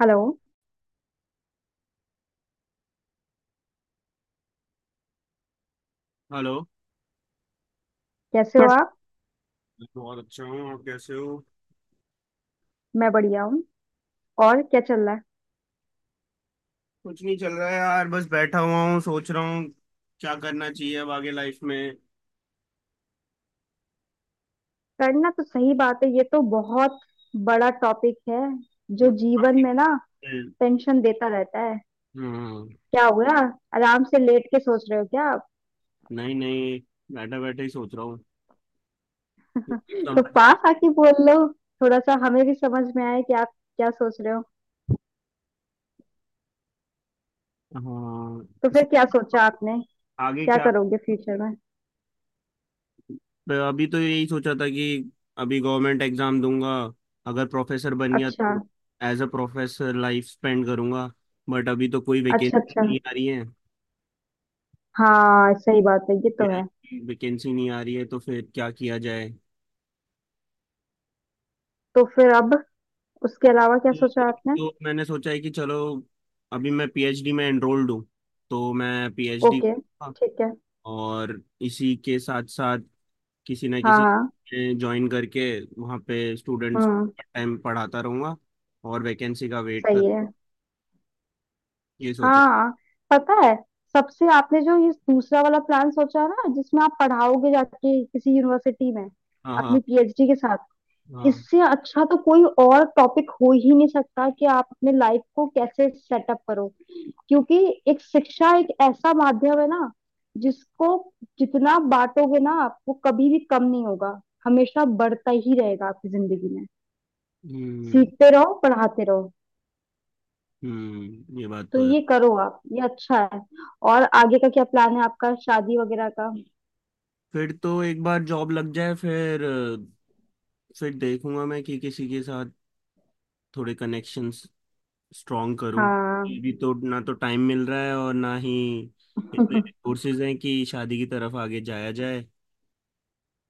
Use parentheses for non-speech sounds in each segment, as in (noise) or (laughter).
Hello. Hello. कैसे हो पर आप? मैं तो बहुत अच्छा हूँ। आप कैसे हो? मैं बढ़िया हूँ। और क्या चल रहा है? कुछ नहीं चल रहा है यार, बस बैठा हुआ हूँ, सोच रहा हूँ क्या करना चाहिए अब आगे लाइफ में। करना तो सही बात है, ये तो बहुत बड़ा टॉपिक है। जो हम्म। जीवन में ना टेंशन देता रहता है। क्या हो गया? आराम से लेट के सोच रहे हो क्या आप? नहीं नहीं, बैठा बैठे ही सोच रहा हूँ। (laughs) तो समझ- पास आके बोल लो, थोड़ा सा हमें भी समझ में आए कि आप क्या सोच रहे हो। हाँ। तो फिर सो- क्या सोचा आपने? आगे क्या क्या। करोगे फ्यूचर में? तो अभी तो यही सोचा था कि अभी गवर्नमेंट एग्जाम दूंगा। अगर प्रोफेसर बन गया अच्छा तो as a professor life spend करूंगा। बट अभी तो कोई अच्छा वैकेंसी अच्छा। नहीं आ रही है। हाँ, सही बात है, ये तो है। वैकेंसी नहीं आ रही है तो फिर क्या किया जाए। तो फिर अब उसके अलावा क्या सोचा तो, आपने? तो मैंने सोचा है कि चलो, अभी मैं पीएचडी में एनरोल्ड हूँ, तो मैं पीएचडी ओके, ठीक है। और इसी के साथ साथ किसी ना हाँ किसी हाँ। ज्वाइन करके वहाँ पे स्टूडेंट्स को हम्म पार्ट टाइम पढ़ाता रहूँगा और वैकेंसी का वेट कर। सही है। ये सोचा। हाँ, पता है, सबसे आपने जो ये दूसरा वाला प्लान सोचा ना, जिसमें आप पढ़ाओगे जाके किसी यूनिवर्सिटी में, हाँ अपनी हाँ। पीएचडी के साथ, हाँ। इससे अच्छा तो कोई और टॉपिक हो ही नहीं सकता कि आप अपने लाइफ को कैसे सेटअप करो। क्योंकि एक शिक्षा एक ऐसा माध्यम है ना, जिसको जितना बांटोगे ना आप, वो कभी भी कम नहीं होगा, हमेशा बढ़ता ही रहेगा आपकी जिंदगी में। हम्म। सीखते रहो पढ़ाते रहो। हम्म, ये बात तो तो है। ये करो आप, ये अच्छा है। और आगे का क्या प्लान है आपका, शादी वगैरह का? फिर तो एक बार जॉब लग जाए, फिर देखूंगा मैं कि किसी के साथ थोड़े कनेक्शंस स्ट्रांग करूं। हाँ। अभी तो ना तो टाइम मिल रहा है और ना ही इतने (laughs) कोर्सेज हैं कि शादी की तरफ आगे जाया जाए।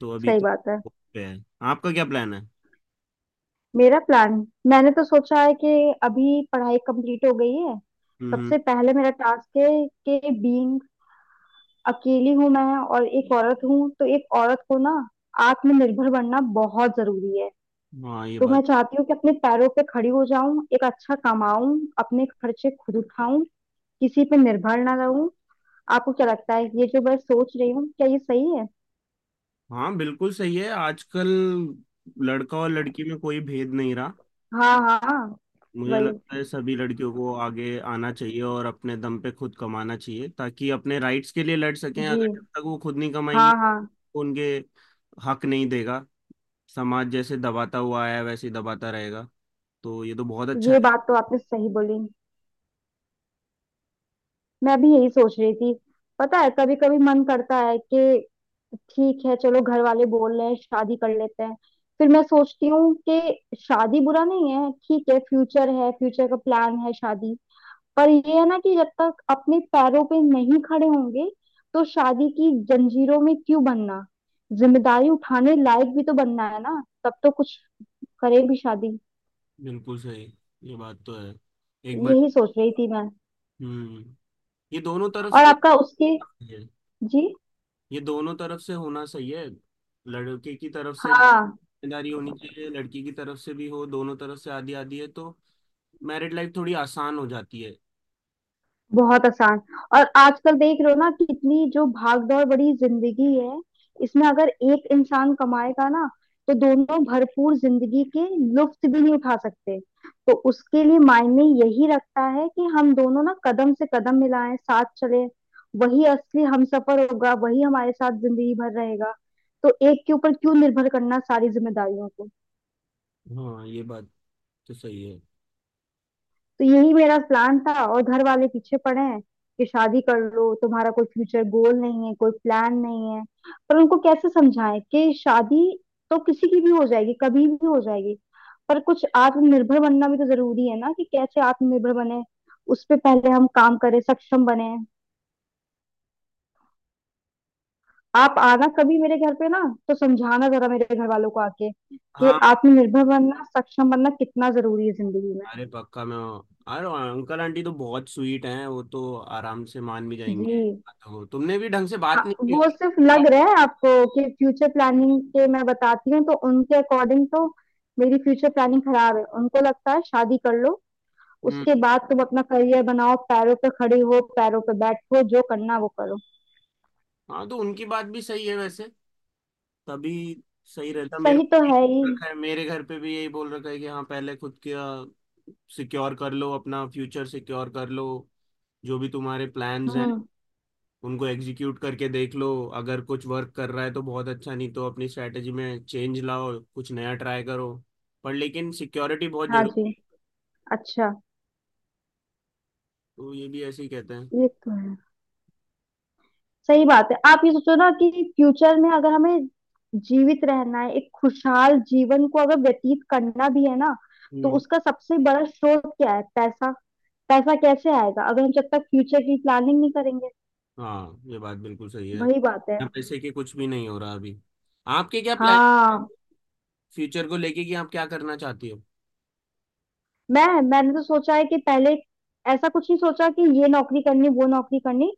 तो अभी सही तो बात है। hope पे है। आपका क्या प्लान है? मेरा प्लान, मैंने तो सोचा है कि अभी पढ़ाई कंप्लीट हो गई है, हम्म। सबसे पहले मेरा टास्क है कि बीइंग अकेली हूं मैं, और एक औरत हूं, तो एक औरत को ना आत्मनिर्भर बनना बहुत जरूरी है। हम्म। हाँ ये तो मैं बात। चाहती हूँ कि अपने पैरों पे खड़ी हो जाऊं, एक अच्छा कमाऊं, अपने खर्चे खुद उठाऊं, किसी पे निर्भर ना रहूं। आपको क्या लगता है, ये जो मैं सोच रही हूँ क्या ये सही है? हाँ बिल्कुल सही है। आजकल लड़का और लड़की में कोई भेद नहीं रहा। हाँ हाँ। मुझे वही। लगता है सभी लड़कियों को आगे आना चाहिए और अपने दम पे खुद कमाना चाहिए, ताकि अपने राइट्स के लिए लड़ सकें। जी। अगर जब तक वो खुद नहीं कमाएंगे हाँ हाँ। तो उनके हक नहीं देगा। समाज जैसे दबाता हुआ आया है, वैसे ही दबाता रहेगा। तो ये तो बहुत अच्छा ये है। बात तो आपने सही बोली, मैं भी यही सोच रही थी। पता है, कभी कभी मन करता है कि ठीक है चलो घर वाले बोल रहे हैं शादी कर लेते हैं। फिर मैं सोचती हूँ कि शादी बुरा नहीं है, ठीक है, फ्यूचर है, फ्यूचर का प्लान है शादी, पर ये है ना कि जब तक अपने पैरों पे नहीं खड़े होंगे, तो शादी की जंजीरों में क्यों बनना। जिम्मेदारी उठाने लायक भी तो बनना है ना, तब तो कुछ करे भी शादी। बिल्कुल सही। ये बात तो है। एक बार। यही सोच रही थी मैं। हम्म। ये दोनों तरफ और से आपका उसके। काफी है। जी। ये दोनों तरफ से होना सही है। लड़के की तरफ से भी हाँ, जिम्मेदारी होनी चाहिए, लड़की की तरफ से भी हो, दोनों तरफ से आधी आधी है तो मैरिड लाइफ थोड़ी आसान हो जाती है। बहुत आसान। और आजकल देख रहे हो ना कितनी जो भाग दौड़ बड़ी जिंदगी है, इसमें अगर एक इंसान कमाएगा ना, तो दोनों भरपूर जिंदगी के लुत्फ भी नहीं उठा सकते। तो उसके लिए मायने यही रखता है कि हम दोनों ना कदम से कदम मिलाएं, साथ चलें। वही असली हमसफर होगा, वही हमारे साथ जिंदगी भर रहेगा। तो एक के ऊपर क्यों निर्भर करना सारी जिम्मेदारियों को। हाँ ये बात तो सही है। तो यही मेरा प्लान था, और घर वाले पीछे पड़े हैं कि शादी कर लो, तुम्हारा कोई फ्यूचर गोल नहीं है, कोई प्लान नहीं है। पर उनको कैसे समझाएं कि शादी तो किसी की भी हो जाएगी, कभी भी हो जाएगी, पर कुछ आत्मनिर्भर बनना भी तो जरूरी है ना, कि कैसे आत्मनिर्भर बने। उस पे पहले हम काम करें, सक्षम बने। आप आना कभी मेरे घर पे ना, तो समझाना जरा मेरे घर वालों को आके, हाँ। कि आत्मनिर्भर बनना, सक्षम बनना कितना जरूरी है जिंदगी में। अरे पक्का मैं। अरे अंकल आंटी तो बहुत स्वीट हैं, वो तो आराम से मान भी जाएंगे। जी। तो तुमने भी ढंग से बात हाँ, नहीं की वो सिर्फ होगी। लग रहा है आपको कि फ्यूचर प्लानिंग के मैं बताती हूँ तो उनके अकॉर्डिंग तो मेरी फ्यूचर प्लानिंग खराब है, उनको लगता है शादी कर लो, हम्म। उसके बाद तुम अपना करियर बनाओ, पैरों पे खड़ी हो, पैरों पे बैठो, जो करना वो करो। हाँ तो उनकी बात भी सही है वैसे। तभी सही रहता। मेरे सही को तो है ही। यही रखा है, मेरे घर पे भी यही बोल रखा है कि हाँ पहले खुद का सिक्योर कर लो, अपना फ्यूचर सिक्योर कर लो। जो भी तुम्हारे प्लान्स हैं हम्म उनको एग्जीक्यूट करके देख लो। अगर कुछ वर्क कर रहा है तो बहुत अच्छा, नहीं तो अपनी स्ट्रैटेजी में चेंज लाओ, कुछ नया ट्राई करो। पर लेकिन सिक्योरिटी बहुत हाँ जी, जरूरी। अच्छा। तो ये भी ऐसे ही कहते हैं। ये तो है। सही बात है, आप ये सोचो ना कि फ्यूचर में अगर हमें जीवित रहना है, एक खुशहाल जीवन को अगर व्यतीत करना भी है ना, तो हम्म। उसका सबसे बड़ा स्रोत क्या है? पैसा। पैसा कैसे आएगा अगर हम जब तक फ्यूचर की प्लानिंग नहीं करेंगे। हाँ ये बात बिल्कुल सही है। वही बात है। यहाँ पैसे के कुछ भी नहीं हो रहा अभी। आपके क्या प्लान हाँ। फ्यूचर को लेके कि आप क्या करना चाहती हो? मैंने तो सोचा है कि पहले ऐसा कुछ नहीं सोचा कि ये नौकरी करनी वो नौकरी करनी,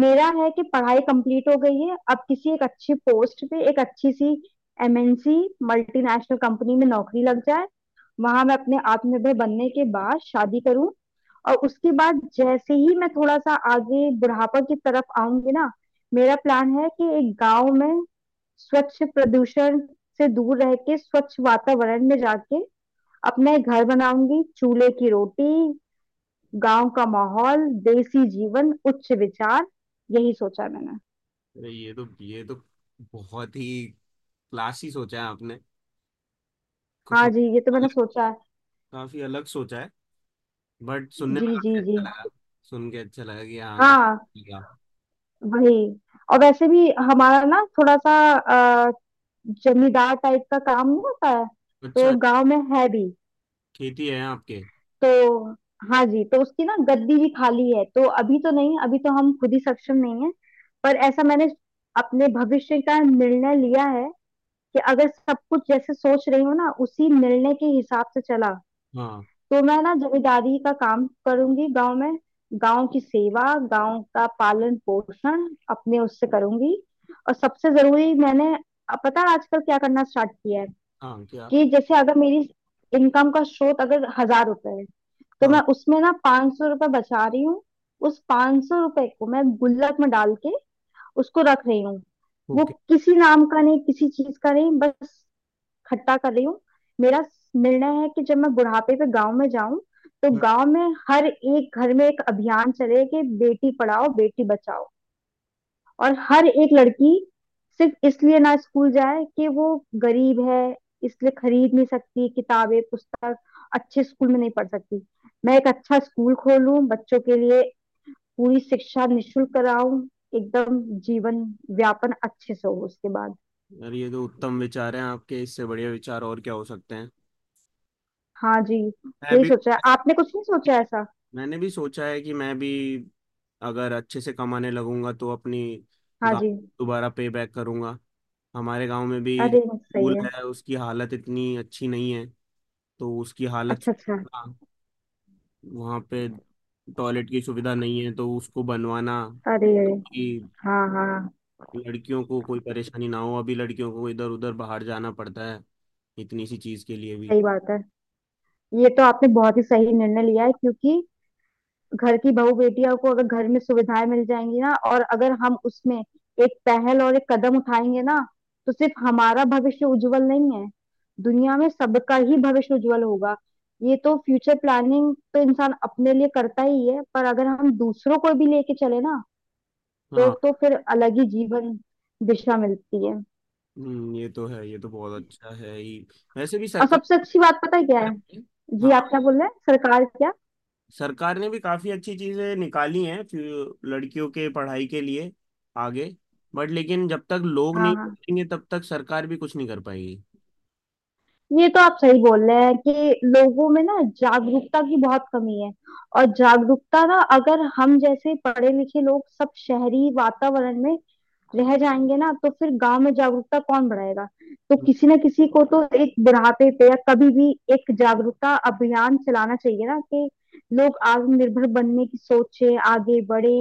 मेरा है कि पढ़ाई कंप्लीट हो गई है, अब किसी एक अच्छी पोस्ट पे, एक अच्छी सी एमएनसी, मल्टीनेशनल कंपनी में नौकरी लग जाए। वहां मैं अपने आत्मनिर्भर बनने के बाद शादी करूं, और उसके बाद जैसे ही मैं थोड़ा सा आगे बुढ़ापा की तरफ आऊंगी ना, मेरा प्लान है कि एक गांव में स्वच्छ प्रदूषण से दूर रह के, स्वच्छ वातावरण में जाके अपना एक घर बनाऊंगी, चूल्हे की रोटी, गांव का माहौल, देसी जीवन, उच्च विचार, यही सोचा है मैंने। अरे ये तो, ये तो बहुत ही क्लासी सोचा है आपने। कुछ हाँ थोड़ा जी, ये तो मैंने अलग, सोचा है। काफी अलग सोचा है। बट सुनने जी में जी काफी जी। अच्छा लगा। सुन के अच्छा लगा कि हाँ कुछ हाँ, किया। वही। और वैसे भी हमारा ना थोड़ा सा जमींदार टाइप का काम नहीं होता है तो अच्छा। गांव में है भी खेती है आपके? तो, हाँ जी, तो उसकी ना गद्दी भी खाली है, तो अभी तो नहीं, अभी तो हम खुद ही सक्षम नहीं है। पर ऐसा मैंने अपने भविष्य का निर्णय लिया है कि अगर सब कुछ जैसे सोच रही हूँ ना, उसी निर्णय के हिसाब से चला हाँ। तो मैं ना जमींदारी का काम करूंगी गांव में, गांव की सेवा, गांव का पालन पोषण अपने उससे करूंगी। और सबसे जरूरी, मैंने अब, पता है आजकल क्या करना स्टार्ट किया है, हाँ, क्या? कि जैसे अगर मेरी इनकम का स्रोत अगर 1000 रुपए है, तो हाँ। मैं उसमें ना 500 रुपए बचा रही हूँ। उस 500 रुपए को मैं गुल्लक में डाल के उसको रख रही हूँ। वो ओके। किसी नाम का नहीं, किसी चीज का नहीं, बस खट्टा कर रही हूँ। मेरा निर्णय है कि जब मैं बुढ़ापे पे गांव में जाऊं, तो हम्म। गांव में हर एक घर में एक अभियान चले कि बेटी पढ़ाओ बेटी बचाओ। और हर एक लड़की सिर्फ इसलिए ना स्कूल जाए कि वो गरीब है, इसलिए खरीद नहीं सकती किताबें पुस्तक, अच्छे स्कूल में नहीं पढ़ सकती। मैं एक अच्छा स्कूल खोलूं बच्चों के लिए, पूरी शिक्षा निशुल्क कराऊं, एकदम जीवन व्यापन अच्छे से हो उसके बाद। यार ये तो उत्तम विचार हैं आपके, इससे बढ़िया विचार और क्या हो सकते हैं। हाँ जी। मैं यही भी, सोचा है आपने, कुछ नहीं सोचा है ऐसा? मैंने भी सोचा है कि मैं भी, अगर अच्छे से कमाने लगूंगा तो अपनी हाँ गांव जी। दोबारा पे बैक करूंगा। हमारे गांव में भी जो अरे सही स्कूल है। है उसकी हालत इतनी अच्छी नहीं है, तो उसकी हालत अच्छा अच्छा। सुधारना, वहाँ पे टॉयलेट की सुविधा नहीं है तो उसको बनवाना, अरे अरे। कि हाँ हाँ। लड़कियों को कोई परेशानी ना हो। अभी लड़कियों को इधर उधर बाहर जाना पड़ता है इतनी सी चीज़ के लिए भी। सही बात है, ये तो आपने बहुत ही सही निर्णय लिया है, क्योंकि घर की बहू बेटियों को अगर घर में सुविधाएं मिल जाएंगी ना, और अगर हम उसमें एक पहल और एक कदम उठाएंगे ना, तो सिर्फ हमारा भविष्य उज्जवल नहीं है, दुनिया में सबका ही भविष्य उज्जवल होगा। ये तो फ्यूचर प्लानिंग तो इंसान अपने लिए करता ही है, पर अगर हम दूसरों को भी लेके चले ना, तो हाँ। तो फिर अलग ही जीवन दिशा मिलती है। ये तो है, ये तो बहुत अच्छा है ही। वैसे भी और सरकार। सबसे अच्छी बात पता है क्या है? जी, आप हाँ, क्या बोल रहे हैं, सरकार क्या? सरकार ने भी काफी अच्छी चीजें निकाली हैं फ्यू- लड़कियों के पढ़ाई के लिए आगे। बट लेकिन जब तक लोग हाँ नहीं हाँ, सोचेंगे तब तक सरकार भी कुछ नहीं कर पाएगी। ये तो आप सही बोल रहे हैं कि लोगों में ना जागरूकता की बहुत कमी है। और जागरूकता ना, अगर हम जैसे पढ़े लिखे लोग सब शहरी वातावरण में रह जाएंगे ना, तो फिर गांव में जागरूकता कौन बढ़ाएगा? तो किसी ना किसी को तो एक बुढ़ापे पे या कभी भी एक जागरूकता अभियान चलाना चाहिए ना, कि लोग आत्मनिर्भर बनने की सोचे, आगे बढ़े,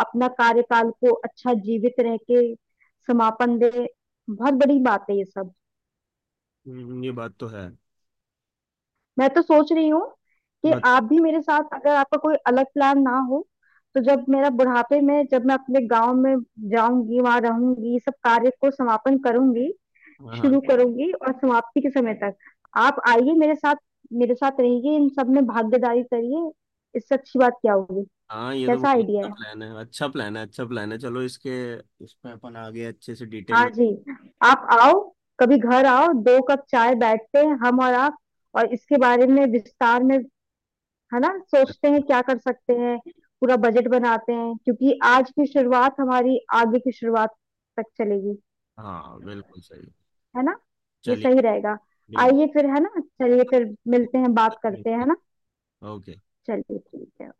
अपना कार्यकाल को अच्छा जीवित रह के समापन दे। बहुत बड़ी बात है ये सब। ये बात तो है। मैं तो सोच रही हूँ कि बट आप भी मेरे साथ, अगर आपका कोई अलग प्लान ना हो, तो जब मेरा बुढ़ापे में, जब मैं अपने गांव में जाऊंगी, वहां रहूंगी, सब कार्य को समापन करूंगी, हाँ। शुरू करूंगी, और समाप्ति के समय तक आप आइए मेरे साथ, मेरे साथ रहिए, इन सब में भागीदारी करिए। इससे अच्छी बात क्या होगी? हाँ ये तो कैसा बहुत आइडिया अच्छा है? प्लान है, अच्छा प्लान है, अच्छा प्लान है। चलो इसके, इस पे अपन आगे अच्छे से डिटेल हाँ में। जी। आप आओ, कभी घर आओ, दो कप चाय बैठते हैं हम और आप, और इसके बारे में विस्तार में, है ना, सोचते हैं क्या कर सकते हैं, पूरा बजट बनाते हैं, क्योंकि आज की शुरुआत हमारी आगे की शुरुआत तक चलेगी। हाँ बिल्कुल सही। है ना? ये चलिए। सही रहेगा। बिल्कुल। आइए फिर, है ना, चलिए फिर मिलते हैं, बात करते हैं, है ना। ओके। चलिए, ठीक है।